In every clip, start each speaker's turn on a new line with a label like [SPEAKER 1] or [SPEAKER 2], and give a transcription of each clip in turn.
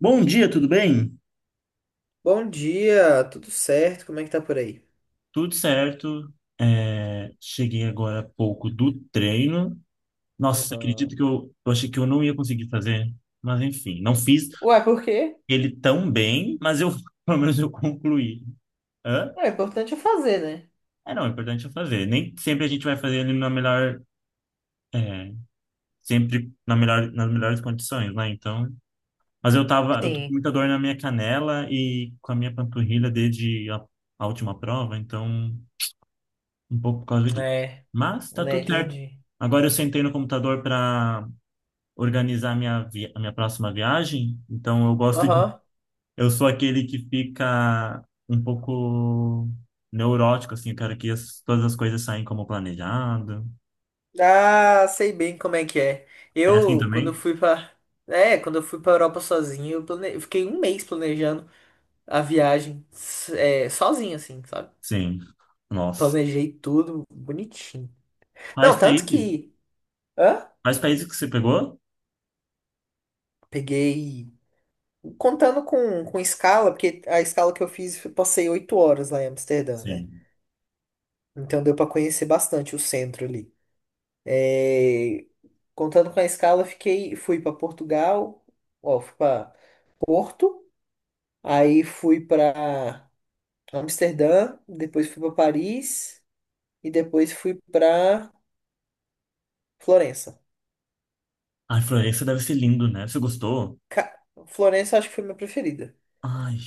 [SPEAKER 1] Bom dia, tudo bem?
[SPEAKER 2] Bom dia, tudo certo? Como é que tá por aí?
[SPEAKER 1] Tudo certo. Cheguei agora há pouco do treino. Nossa, você
[SPEAKER 2] Uhum.
[SPEAKER 1] acredita que eu achei que eu não ia conseguir fazer? Mas enfim, não fiz
[SPEAKER 2] Ué, por quê?
[SPEAKER 1] ele tão bem, mas eu pelo menos eu concluí. Hã?
[SPEAKER 2] Ué, o importante é fazer, né?
[SPEAKER 1] É, não, o importante é fazer. Nem sempre a gente vai fazer ele na melhor, é, sempre na melhor, nas melhores condições, né? Então, mas eu tô com
[SPEAKER 2] Sim,
[SPEAKER 1] muita dor na minha canela e com a minha panturrilha desde a última prova, então um pouco por causa disso.
[SPEAKER 2] é,
[SPEAKER 1] Mas tá
[SPEAKER 2] né,
[SPEAKER 1] tudo certo.
[SPEAKER 2] entendi.
[SPEAKER 1] Agora eu sentei no computador para organizar a minha próxima viagem, então eu gosto de
[SPEAKER 2] Aham.
[SPEAKER 1] eu sou aquele que fica um pouco neurótico assim, eu quero que todas as coisas saem como planejado.
[SPEAKER 2] Ah, sei bem como é que é.
[SPEAKER 1] É assim
[SPEAKER 2] Eu, quando eu
[SPEAKER 1] também?
[SPEAKER 2] fui pra. É, quando eu fui pra Europa sozinho, eu fiquei um mês planejando a viagem, sozinho, assim, sabe?
[SPEAKER 1] Sim. Nossa.
[SPEAKER 2] Planejei tudo bonitinho.
[SPEAKER 1] Quais
[SPEAKER 2] Não, tanto
[SPEAKER 1] países?
[SPEAKER 2] que. Hã?
[SPEAKER 1] Quais países que você pegou?
[SPEAKER 2] Peguei. Contando com escala, porque a escala que eu fiz, eu passei oito horas lá em Amsterdã, né?
[SPEAKER 1] Sim.
[SPEAKER 2] Então deu para conhecer bastante o centro ali. É, Contando com a escala, fui para Portugal, ó, fui para Porto, aí fui para Amsterdã, depois fui para Paris e depois fui para Florença.
[SPEAKER 1] Ai, Florença deve ser lindo, né? Você gostou?
[SPEAKER 2] Ca- Florença acho que foi minha preferida.
[SPEAKER 1] Ai.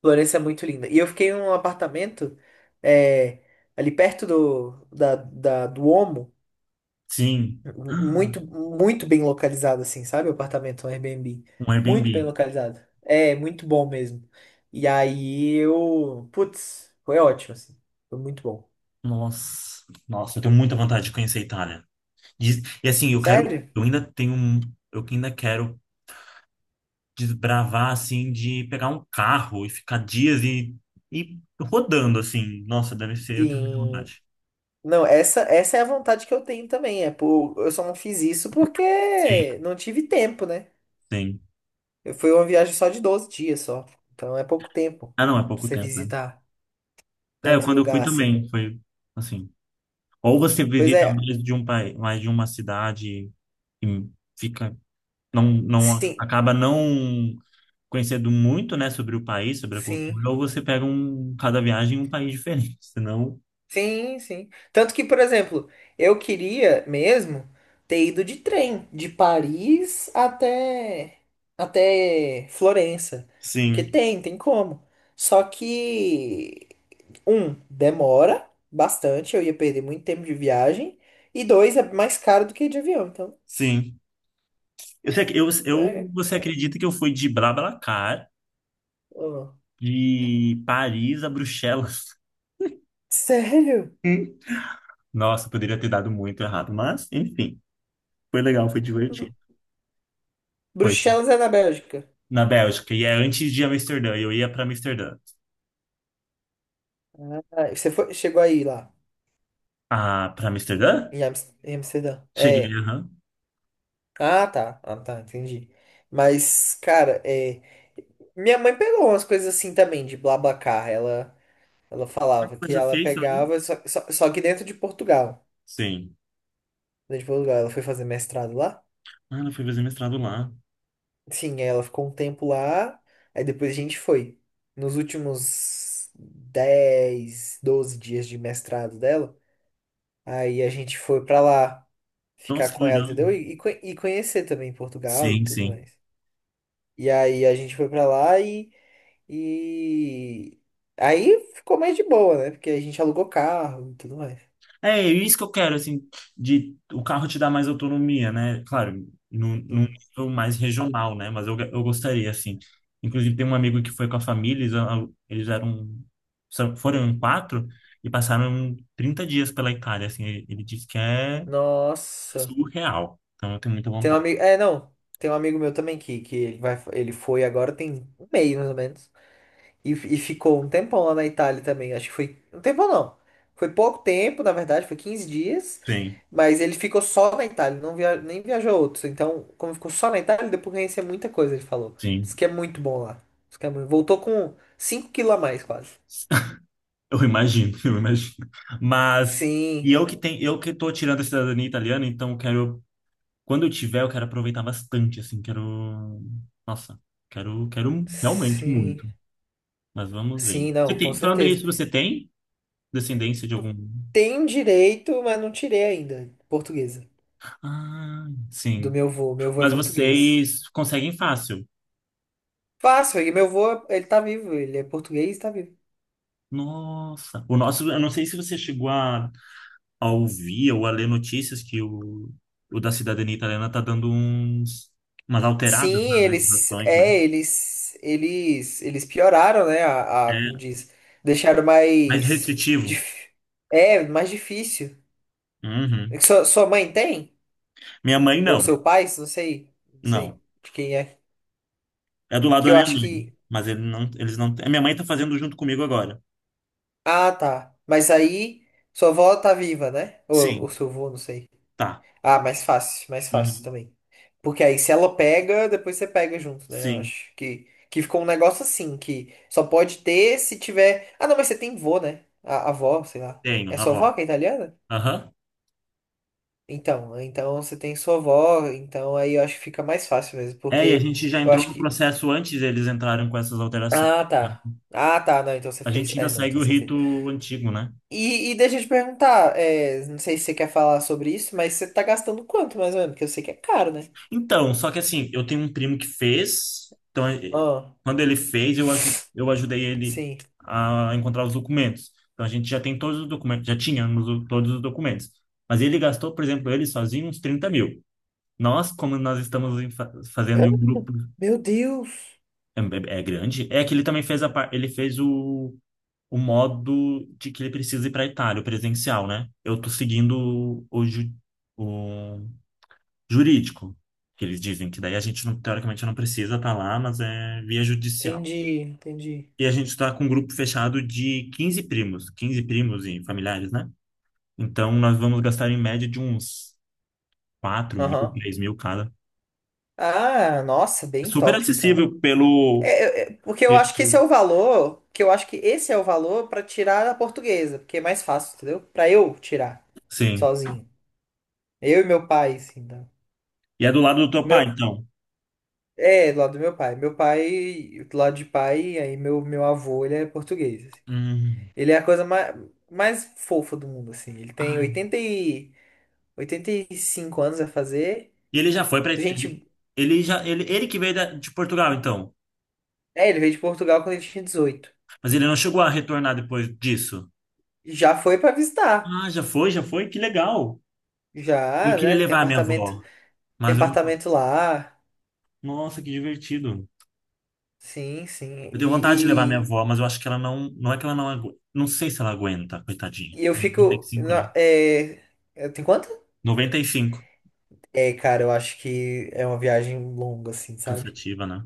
[SPEAKER 2] Florença é muito linda. E eu fiquei num apartamento é, ali perto do Omo,
[SPEAKER 1] Sim.
[SPEAKER 2] muito, muito bem localizado, assim, sabe? O apartamento, um Airbnb.
[SPEAKER 1] Ah, um
[SPEAKER 2] Muito bem
[SPEAKER 1] Airbnb.
[SPEAKER 2] localizado. É, muito bom mesmo. E aí eu. Putz, foi ótimo, assim. Foi muito bom.
[SPEAKER 1] Nossa, nossa, eu tenho muita vontade de conhecer a Itália. E assim, eu quero,
[SPEAKER 2] Sério?
[SPEAKER 1] eu ainda quero desbravar assim, de pegar um carro e ficar dias e rodando assim. Nossa, deve ser, eu tenho muita
[SPEAKER 2] Sim.
[SPEAKER 1] vontade.
[SPEAKER 2] Não, essa é a vontade que eu tenho também. É por, eu só não fiz isso
[SPEAKER 1] Sim,
[SPEAKER 2] porque não tive tempo, né?
[SPEAKER 1] sim.
[SPEAKER 2] eu Foi uma viagem só de 12 dias só. Então é pouco tempo
[SPEAKER 1] Ah, não, é
[SPEAKER 2] pra
[SPEAKER 1] pouco
[SPEAKER 2] você
[SPEAKER 1] tempo, né?
[SPEAKER 2] visitar
[SPEAKER 1] É,
[SPEAKER 2] tanto
[SPEAKER 1] quando eu fui
[SPEAKER 2] lugar assim.
[SPEAKER 1] também, foi assim. Ou você
[SPEAKER 2] Pois
[SPEAKER 1] visita
[SPEAKER 2] é,
[SPEAKER 1] mais de um país, mais de uma cidade e fica, não
[SPEAKER 2] sim,
[SPEAKER 1] acaba não conhecendo muito, né, sobre o país, sobre a
[SPEAKER 2] sim,
[SPEAKER 1] cultura, ou você pega um, cada viagem um país diferente, senão...
[SPEAKER 2] sim. Tanto que, por exemplo, eu queria mesmo ter ido de trem, de Paris até Florença, porque
[SPEAKER 1] Sim,
[SPEAKER 2] tem como. Só que um, demora bastante, eu ia perder muito tempo de viagem, e dois, é mais caro do que de avião, então
[SPEAKER 1] sim. Eu, sei que-
[SPEAKER 2] então é
[SPEAKER 1] eu, você
[SPEAKER 2] complicado.
[SPEAKER 1] acredita que eu fui de BlaBlaCar,
[SPEAKER 2] Ó.
[SPEAKER 1] de Paris a Bruxelas?
[SPEAKER 2] Sério?
[SPEAKER 1] Hum. Nossa, poderia ter dado muito errado, mas enfim, foi legal, foi divertido. Foi
[SPEAKER 2] Bruxelas é na Bélgica.
[SPEAKER 1] na Bélgica, e é antes de Amsterdã, eu ia para Amsterdã.
[SPEAKER 2] Ah, você foi, chegou aí lá.
[SPEAKER 1] Ah, para Amsterdã?
[SPEAKER 2] Em Amsterdã.
[SPEAKER 1] Cheguei,
[SPEAKER 2] É.
[SPEAKER 1] aham.
[SPEAKER 2] Ah, tá. Ah, tá, entendi. Mas, cara, é. Minha mãe pegou umas coisas assim também, de BlaBlaCar. Ela falava
[SPEAKER 1] Você
[SPEAKER 2] que
[SPEAKER 1] já
[SPEAKER 2] ela
[SPEAKER 1] fez também?
[SPEAKER 2] pegava, só que dentro de Portugal.
[SPEAKER 1] Sim.
[SPEAKER 2] Dentro de Portugal, ela foi fazer mestrado lá.
[SPEAKER 1] Ah, ela foi fazer mestrado lá.
[SPEAKER 2] Sim, aí ela ficou um tempo lá. Aí depois a gente foi. Nos últimos 10, 12 dias de mestrado dela, aí a gente foi pra lá ficar
[SPEAKER 1] Nossa, que
[SPEAKER 2] com ela,
[SPEAKER 1] legal.
[SPEAKER 2] entendeu? E conhecer também Portugal e
[SPEAKER 1] Sim,
[SPEAKER 2] tudo
[SPEAKER 1] sim.
[SPEAKER 2] mais. E aí a gente foi pra lá e aí ficou mais de boa, né? Porque a gente alugou carro e tudo mais.
[SPEAKER 1] É, é isso que eu quero, assim, de o carro te dar mais autonomia, né? Claro, num
[SPEAKER 2] Sim.
[SPEAKER 1] nível mais regional, né? Mas eu gostaria, assim. Inclusive, tem um amigo que foi com a família, eles, alu- eles eram, são- foram em quatro e passaram 30 dias pela Itália, assim. Ele disse que é
[SPEAKER 2] Nossa.
[SPEAKER 1] surreal. Então, eu tenho muita
[SPEAKER 2] Tem um
[SPEAKER 1] vontade.
[SPEAKER 2] amigo. É, não. Tem um amigo meu também que ele vai, ele foi agora tem um mês, mais ou menos. E ficou um tempão lá na Itália também. Acho que foi. Um tempão não. Foi pouco tempo, na verdade, foi 15 dias.
[SPEAKER 1] Sim,
[SPEAKER 2] Mas ele ficou só na Itália, não via, nem viajou outros. Então, como ficou só na Itália, deu pra conhecer muita coisa, ele falou. Isso
[SPEAKER 1] sim.
[SPEAKER 2] que é muito bom lá. Diz que é muito- Voltou com cinco quilos a mais, quase.
[SPEAKER 1] Eu imagino, eu imagino. Mas,
[SPEAKER 2] Sim,
[SPEAKER 1] e eu que tenho, eu que tô tirando a cidadania italiana, então eu quero, quando eu tiver, eu quero aproveitar bastante, assim, quero... Nossa, quero, quero realmente
[SPEAKER 2] sim,
[SPEAKER 1] muito, mas vamos ver.
[SPEAKER 2] sim,
[SPEAKER 1] Você
[SPEAKER 2] não, com
[SPEAKER 1] tem, falando
[SPEAKER 2] certeza.
[SPEAKER 1] nisso, você tem descendência de algum...
[SPEAKER 2] Tem direito, mas não tirei ainda. Portuguesa.
[SPEAKER 1] Ah,
[SPEAKER 2] Do
[SPEAKER 1] sim.
[SPEAKER 2] meu avô. Meu avô é
[SPEAKER 1] Mas
[SPEAKER 2] português.
[SPEAKER 1] vocês conseguem fácil.
[SPEAKER 2] Fácil, e meu avô, ele tá vivo, ele é português e tá vivo.
[SPEAKER 1] Nossa. O nosso, eu não sei se você chegou a ouvir ou a ler notícias que o da cidadania italiana tá dando umas alteradas
[SPEAKER 2] Sim,
[SPEAKER 1] nas
[SPEAKER 2] eles,
[SPEAKER 1] legislações, né?
[SPEAKER 2] é, eles pioraram, né? Como
[SPEAKER 1] É
[SPEAKER 2] diz, deixaram
[SPEAKER 1] mais
[SPEAKER 2] mais,
[SPEAKER 1] restritivo.
[SPEAKER 2] é, mais difícil. É
[SPEAKER 1] Uhum.
[SPEAKER 2] que sua mãe tem?
[SPEAKER 1] Minha mãe,
[SPEAKER 2] Ou
[SPEAKER 1] não.
[SPEAKER 2] seu pai? Não sei, não
[SPEAKER 1] Não.
[SPEAKER 2] sei de quem é.
[SPEAKER 1] É do lado
[SPEAKER 2] Que
[SPEAKER 1] da
[SPEAKER 2] eu
[SPEAKER 1] minha
[SPEAKER 2] acho
[SPEAKER 1] mãe.
[SPEAKER 2] que,
[SPEAKER 1] Mas eles não. A minha mãe tá fazendo junto comigo agora.
[SPEAKER 2] ah, tá. Mas aí, sua avó tá viva, né? Ou
[SPEAKER 1] Sim.
[SPEAKER 2] seu avô, não sei.
[SPEAKER 1] Tá.
[SPEAKER 2] Ah, mais fácil
[SPEAKER 1] Uhum.
[SPEAKER 2] também. Porque aí se ela pega, depois você pega junto, né?
[SPEAKER 1] Sim,
[SPEAKER 2] Que ficou um negócio assim, que só pode ter se tiver. Ah, não, mas você tem vô, né? A avó, sei lá.
[SPEAKER 1] tenho,
[SPEAKER 2] É sua
[SPEAKER 1] avó.
[SPEAKER 2] avó que é italiana?
[SPEAKER 1] Aham.
[SPEAKER 2] Então, então você tem sua avó, então aí eu acho que fica mais fácil mesmo,
[SPEAKER 1] É, e a
[SPEAKER 2] porque
[SPEAKER 1] gente já
[SPEAKER 2] eu
[SPEAKER 1] entrou
[SPEAKER 2] acho
[SPEAKER 1] no
[SPEAKER 2] que.
[SPEAKER 1] processo antes deles entrarem com essas alterações,
[SPEAKER 2] Ah,
[SPEAKER 1] né?
[SPEAKER 2] tá. Ah, tá, não, então você
[SPEAKER 1] A gente
[SPEAKER 2] fez.
[SPEAKER 1] ainda
[SPEAKER 2] É, não,
[SPEAKER 1] segue
[SPEAKER 2] então
[SPEAKER 1] o
[SPEAKER 2] você
[SPEAKER 1] rito
[SPEAKER 2] fez.
[SPEAKER 1] antigo, né?
[SPEAKER 2] E deixa eu te perguntar, é, não sei se você quer falar sobre isso, mas você tá gastando quanto mais ou menos? Porque eu sei que é caro, né?
[SPEAKER 1] Então, só que assim, eu tenho um primo que fez, então
[SPEAKER 2] Ah,
[SPEAKER 1] quando ele fez, eu ajudei ele
[SPEAKER 2] sim.
[SPEAKER 1] a encontrar os documentos. Então a gente já tem todos os documentos, todos os documentos. Mas ele gastou, por exemplo, ele sozinho uns 30 mil. Nós, como nós estamos fazendo em um grupo
[SPEAKER 2] Meu Deus!
[SPEAKER 1] é grande, é que ele também fez ele fez o modo de que ele precisa ir para a Itália, o presencial, né? Eu tô seguindo o jurídico, que eles dizem que daí a gente não, teoricamente não precisa estar lá, mas é via judicial.
[SPEAKER 2] Entendi, entendi.
[SPEAKER 1] E a gente está com um grupo fechado de 15 primos, 15 primos e familiares, né? Então nós vamos gastar em média de uns 4 mil,
[SPEAKER 2] Aham.
[SPEAKER 1] 3 mil cada.
[SPEAKER 2] Ah, nossa, bem
[SPEAKER 1] Super
[SPEAKER 2] top então.
[SPEAKER 1] acessível pelo
[SPEAKER 2] É, porque eu acho que esse
[SPEAKER 1] pelo-
[SPEAKER 2] é o valor, que eu acho que esse é o valor pra tirar a portuguesa, porque é mais fácil, entendeu? Pra eu tirar
[SPEAKER 1] sim.
[SPEAKER 2] sozinho. Eu e meu pai, assim, tá?
[SPEAKER 1] E é do lado do teu pai,
[SPEAKER 2] Meu,
[SPEAKER 1] então.
[SPEAKER 2] é, do lado do meu pai. Meu pai, do lado de pai, aí meu avô, ele é português, assim.
[SPEAKER 1] Hum.
[SPEAKER 2] Ele é a coisa mais, mais fofa do mundo, assim. Ele tem
[SPEAKER 1] Ai,
[SPEAKER 2] 80 e, 85 anos a fazer.
[SPEAKER 1] e ele já foi para ele,
[SPEAKER 2] Gente,
[SPEAKER 1] ele que veio de Portugal, então.
[SPEAKER 2] é, ele veio de Portugal quando ele tinha 18.
[SPEAKER 1] Mas ele não chegou a retornar depois disso.
[SPEAKER 2] Já foi pra visitar.
[SPEAKER 1] Ah, já foi, que legal. Eu
[SPEAKER 2] Já, já,
[SPEAKER 1] queria
[SPEAKER 2] ele
[SPEAKER 1] levar a minha avó,
[SPEAKER 2] tem
[SPEAKER 1] mas eu não...
[SPEAKER 2] apartamento lá.
[SPEAKER 1] Nossa, que divertido.
[SPEAKER 2] Sim, sim.
[SPEAKER 1] Eu tenho vontade de levar a minha
[SPEAKER 2] E, e,
[SPEAKER 1] avó, mas eu acho que ela não, não é que ela não aguenta, não sei se ela aguenta, coitadinha. Tem noventa e cinco, né?
[SPEAKER 2] É, tem quanto?
[SPEAKER 1] Noventa e cinco.
[SPEAKER 2] É, cara, eu acho que é uma viagem longa, assim, sabe?
[SPEAKER 1] Cansativa, né?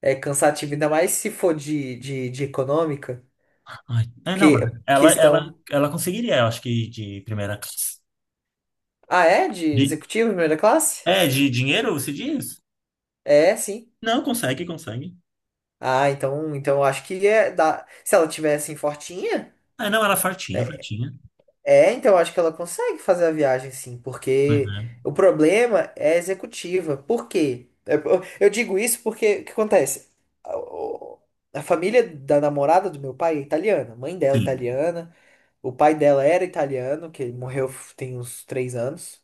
[SPEAKER 2] É cansativo, ainda mais se for de econômica.
[SPEAKER 1] Ai, é, não, mas
[SPEAKER 2] Porque questão.
[SPEAKER 1] ela conseguiria, eu acho que de primeira classe.
[SPEAKER 2] Ah, é? De
[SPEAKER 1] De,
[SPEAKER 2] executivo, primeira classe?
[SPEAKER 1] é, de dinheiro, você diz?
[SPEAKER 2] É, sim.
[SPEAKER 1] Não, consegue, consegue.
[SPEAKER 2] Ah, então, então eu acho que é da... se ela tivesse assim, fortinha.
[SPEAKER 1] Ah, não, era fartinha, fartinha.
[SPEAKER 2] É, então eu acho que ela consegue fazer a viagem sim,
[SPEAKER 1] Mas
[SPEAKER 2] porque o
[SPEAKER 1] é.
[SPEAKER 2] problema é a executiva. Por quê? É, eu digo isso porque o que acontece? A o- a família da namorada do meu pai é italiana, a mãe dela é
[SPEAKER 1] Sim,
[SPEAKER 2] italiana, o pai dela era italiano, que ele morreu tem uns três anos.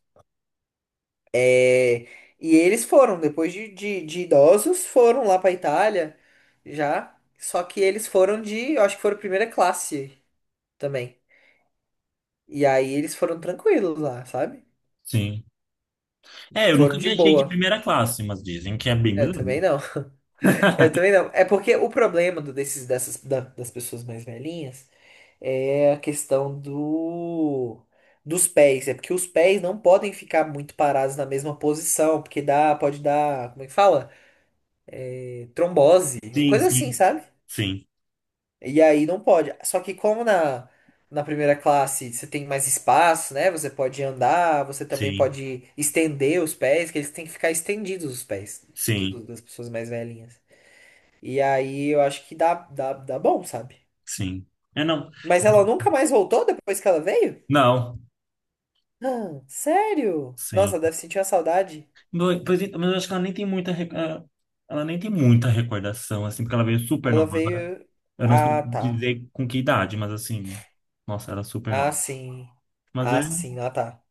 [SPEAKER 2] É, e eles foram, depois de idosos, foram lá pra Itália já. Só que eles foram de, eu acho que foram primeira classe também. E aí eles foram tranquilos lá, sabe?
[SPEAKER 1] sim. É, eu
[SPEAKER 2] Foram
[SPEAKER 1] nunca
[SPEAKER 2] de
[SPEAKER 1] viajei de
[SPEAKER 2] boa.
[SPEAKER 1] primeira classe, mas dizem que é bem
[SPEAKER 2] Eu
[SPEAKER 1] melhor.
[SPEAKER 2] também não. Eu também não. É porque o problema das pessoas mais velhinhas é a questão dos pés. É porque os pés não podem ficar muito parados na mesma posição, porque dá, pode dar, como é que fala? É, Trombose, uma
[SPEAKER 1] Sim,
[SPEAKER 2] coisa assim,
[SPEAKER 1] sim.
[SPEAKER 2] sabe?
[SPEAKER 1] Sim,
[SPEAKER 2] E aí não pode. Só que como na primeira classe você tem mais espaço, né? Você pode andar, você também
[SPEAKER 1] sim,
[SPEAKER 2] pode estender os pés, que eles têm que ficar estendidos os pés
[SPEAKER 1] sim,
[SPEAKER 2] das pessoas mais velhinhas. E aí eu acho que dá bom, sabe?
[SPEAKER 1] sim. É, não.
[SPEAKER 2] Mas ela nunca mais voltou depois que ela veio?
[SPEAKER 1] Não,
[SPEAKER 2] Ah, sério?
[SPEAKER 1] sim.
[SPEAKER 2] Nossa, deve sentir uma saudade.
[SPEAKER 1] Pois, então, mas eu acho que ela nem tem muita... ah, ela nem tem muita recordação, assim, porque ela veio super
[SPEAKER 2] Ela
[SPEAKER 1] nova.
[SPEAKER 2] veio.
[SPEAKER 1] Eu não sei
[SPEAKER 2] Ah, tá.
[SPEAKER 1] dizer com que idade, mas assim... Nossa, era super
[SPEAKER 2] Ah,
[SPEAKER 1] nova.
[SPEAKER 2] sim.
[SPEAKER 1] Mas é.
[SPEAKER 2] Ah, sim, ah, tá.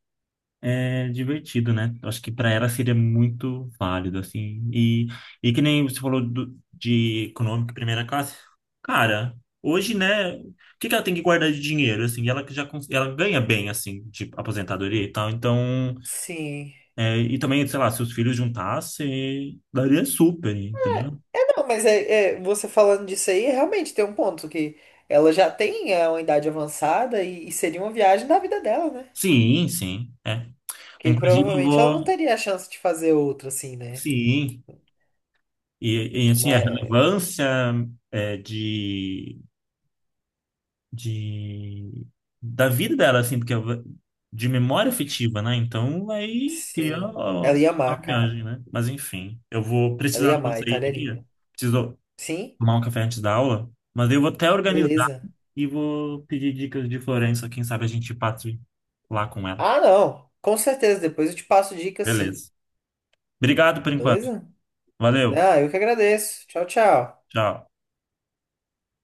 [SPEAKER 1] É divertido, né? Eu acho que para ela seria muito válido, assim. E que nem você falou de econômico e primeira classe. Cara, hoje, né? O que que ela tem que guardar de dinheiro, assim? Ela que ela ganha bem, assim, de aposentadoria e tal. Então,
[SPEAKER 2] Sim.
[SPEAKER 1] é, e também, sei lá, se os filhos juntassem, daria super, entendeu?
[SPEAKER 2] É, não, mas é, é, você falando disso aí, realmente tem um ponto que ela já tem é, uma idade avançada e seria uma viagem da vida dela, né?
[SPEAKER 1] Sim, sim, é.
[SPEAKER 2] Que
[SPEAKER 1] Inclusive, eu
[SPEAKER 2] provavelmente ela não
[SPEAKER 1] vou...
[SPEAKER 2] teria a chance de fazer outra, assim, né?
[SPEAKER 1] Sim. E, assim, a
[SPEAKER 2] Mas,
[SPEAKER 1] relevância é, de da vida dela, assim, de memória afetiva, né? Então vai criar
[SPEAKER 2] sim. Ela ia amar,
[SPEAKER 1] uma
[SPEAKER 2] cara.
[SPEAKER 1] viagem, né? Mas enfim, eu vou
[SPEAKER 2] Ela
[SPEAKER 1] precisar
[SPEAKER 2] ia
[SPEAKER 1] de uma
[SPEAKER 2] amar, a Itália é
[SPEAKER 1] saída,
[SPEAKER 2] linda.
[SPEAKER 1] preciso
[SPEAKER 2] Sim?
[SPEAKER 1] tomar um café antes da aula, mas eu vou até organizar
[SPEAKER 2] Beleza.
[SPEAKER 1] e vou pedir dicas de Florença, quem sabe a gente passa lá com ela.
[SPEAKER 2] Ah, não. Com certeza. Depois eu te passo dicas, sim.
[SPEAKER 1] Beleza. Obrigado por enquanto.
[SPEAKER 2] Beleza?
[SPEAKER 1] Valeu.
[SPEAKER 2] Ah, eu que agradeço. Tchau, tchau.
[SPEAKER 1] Tchau.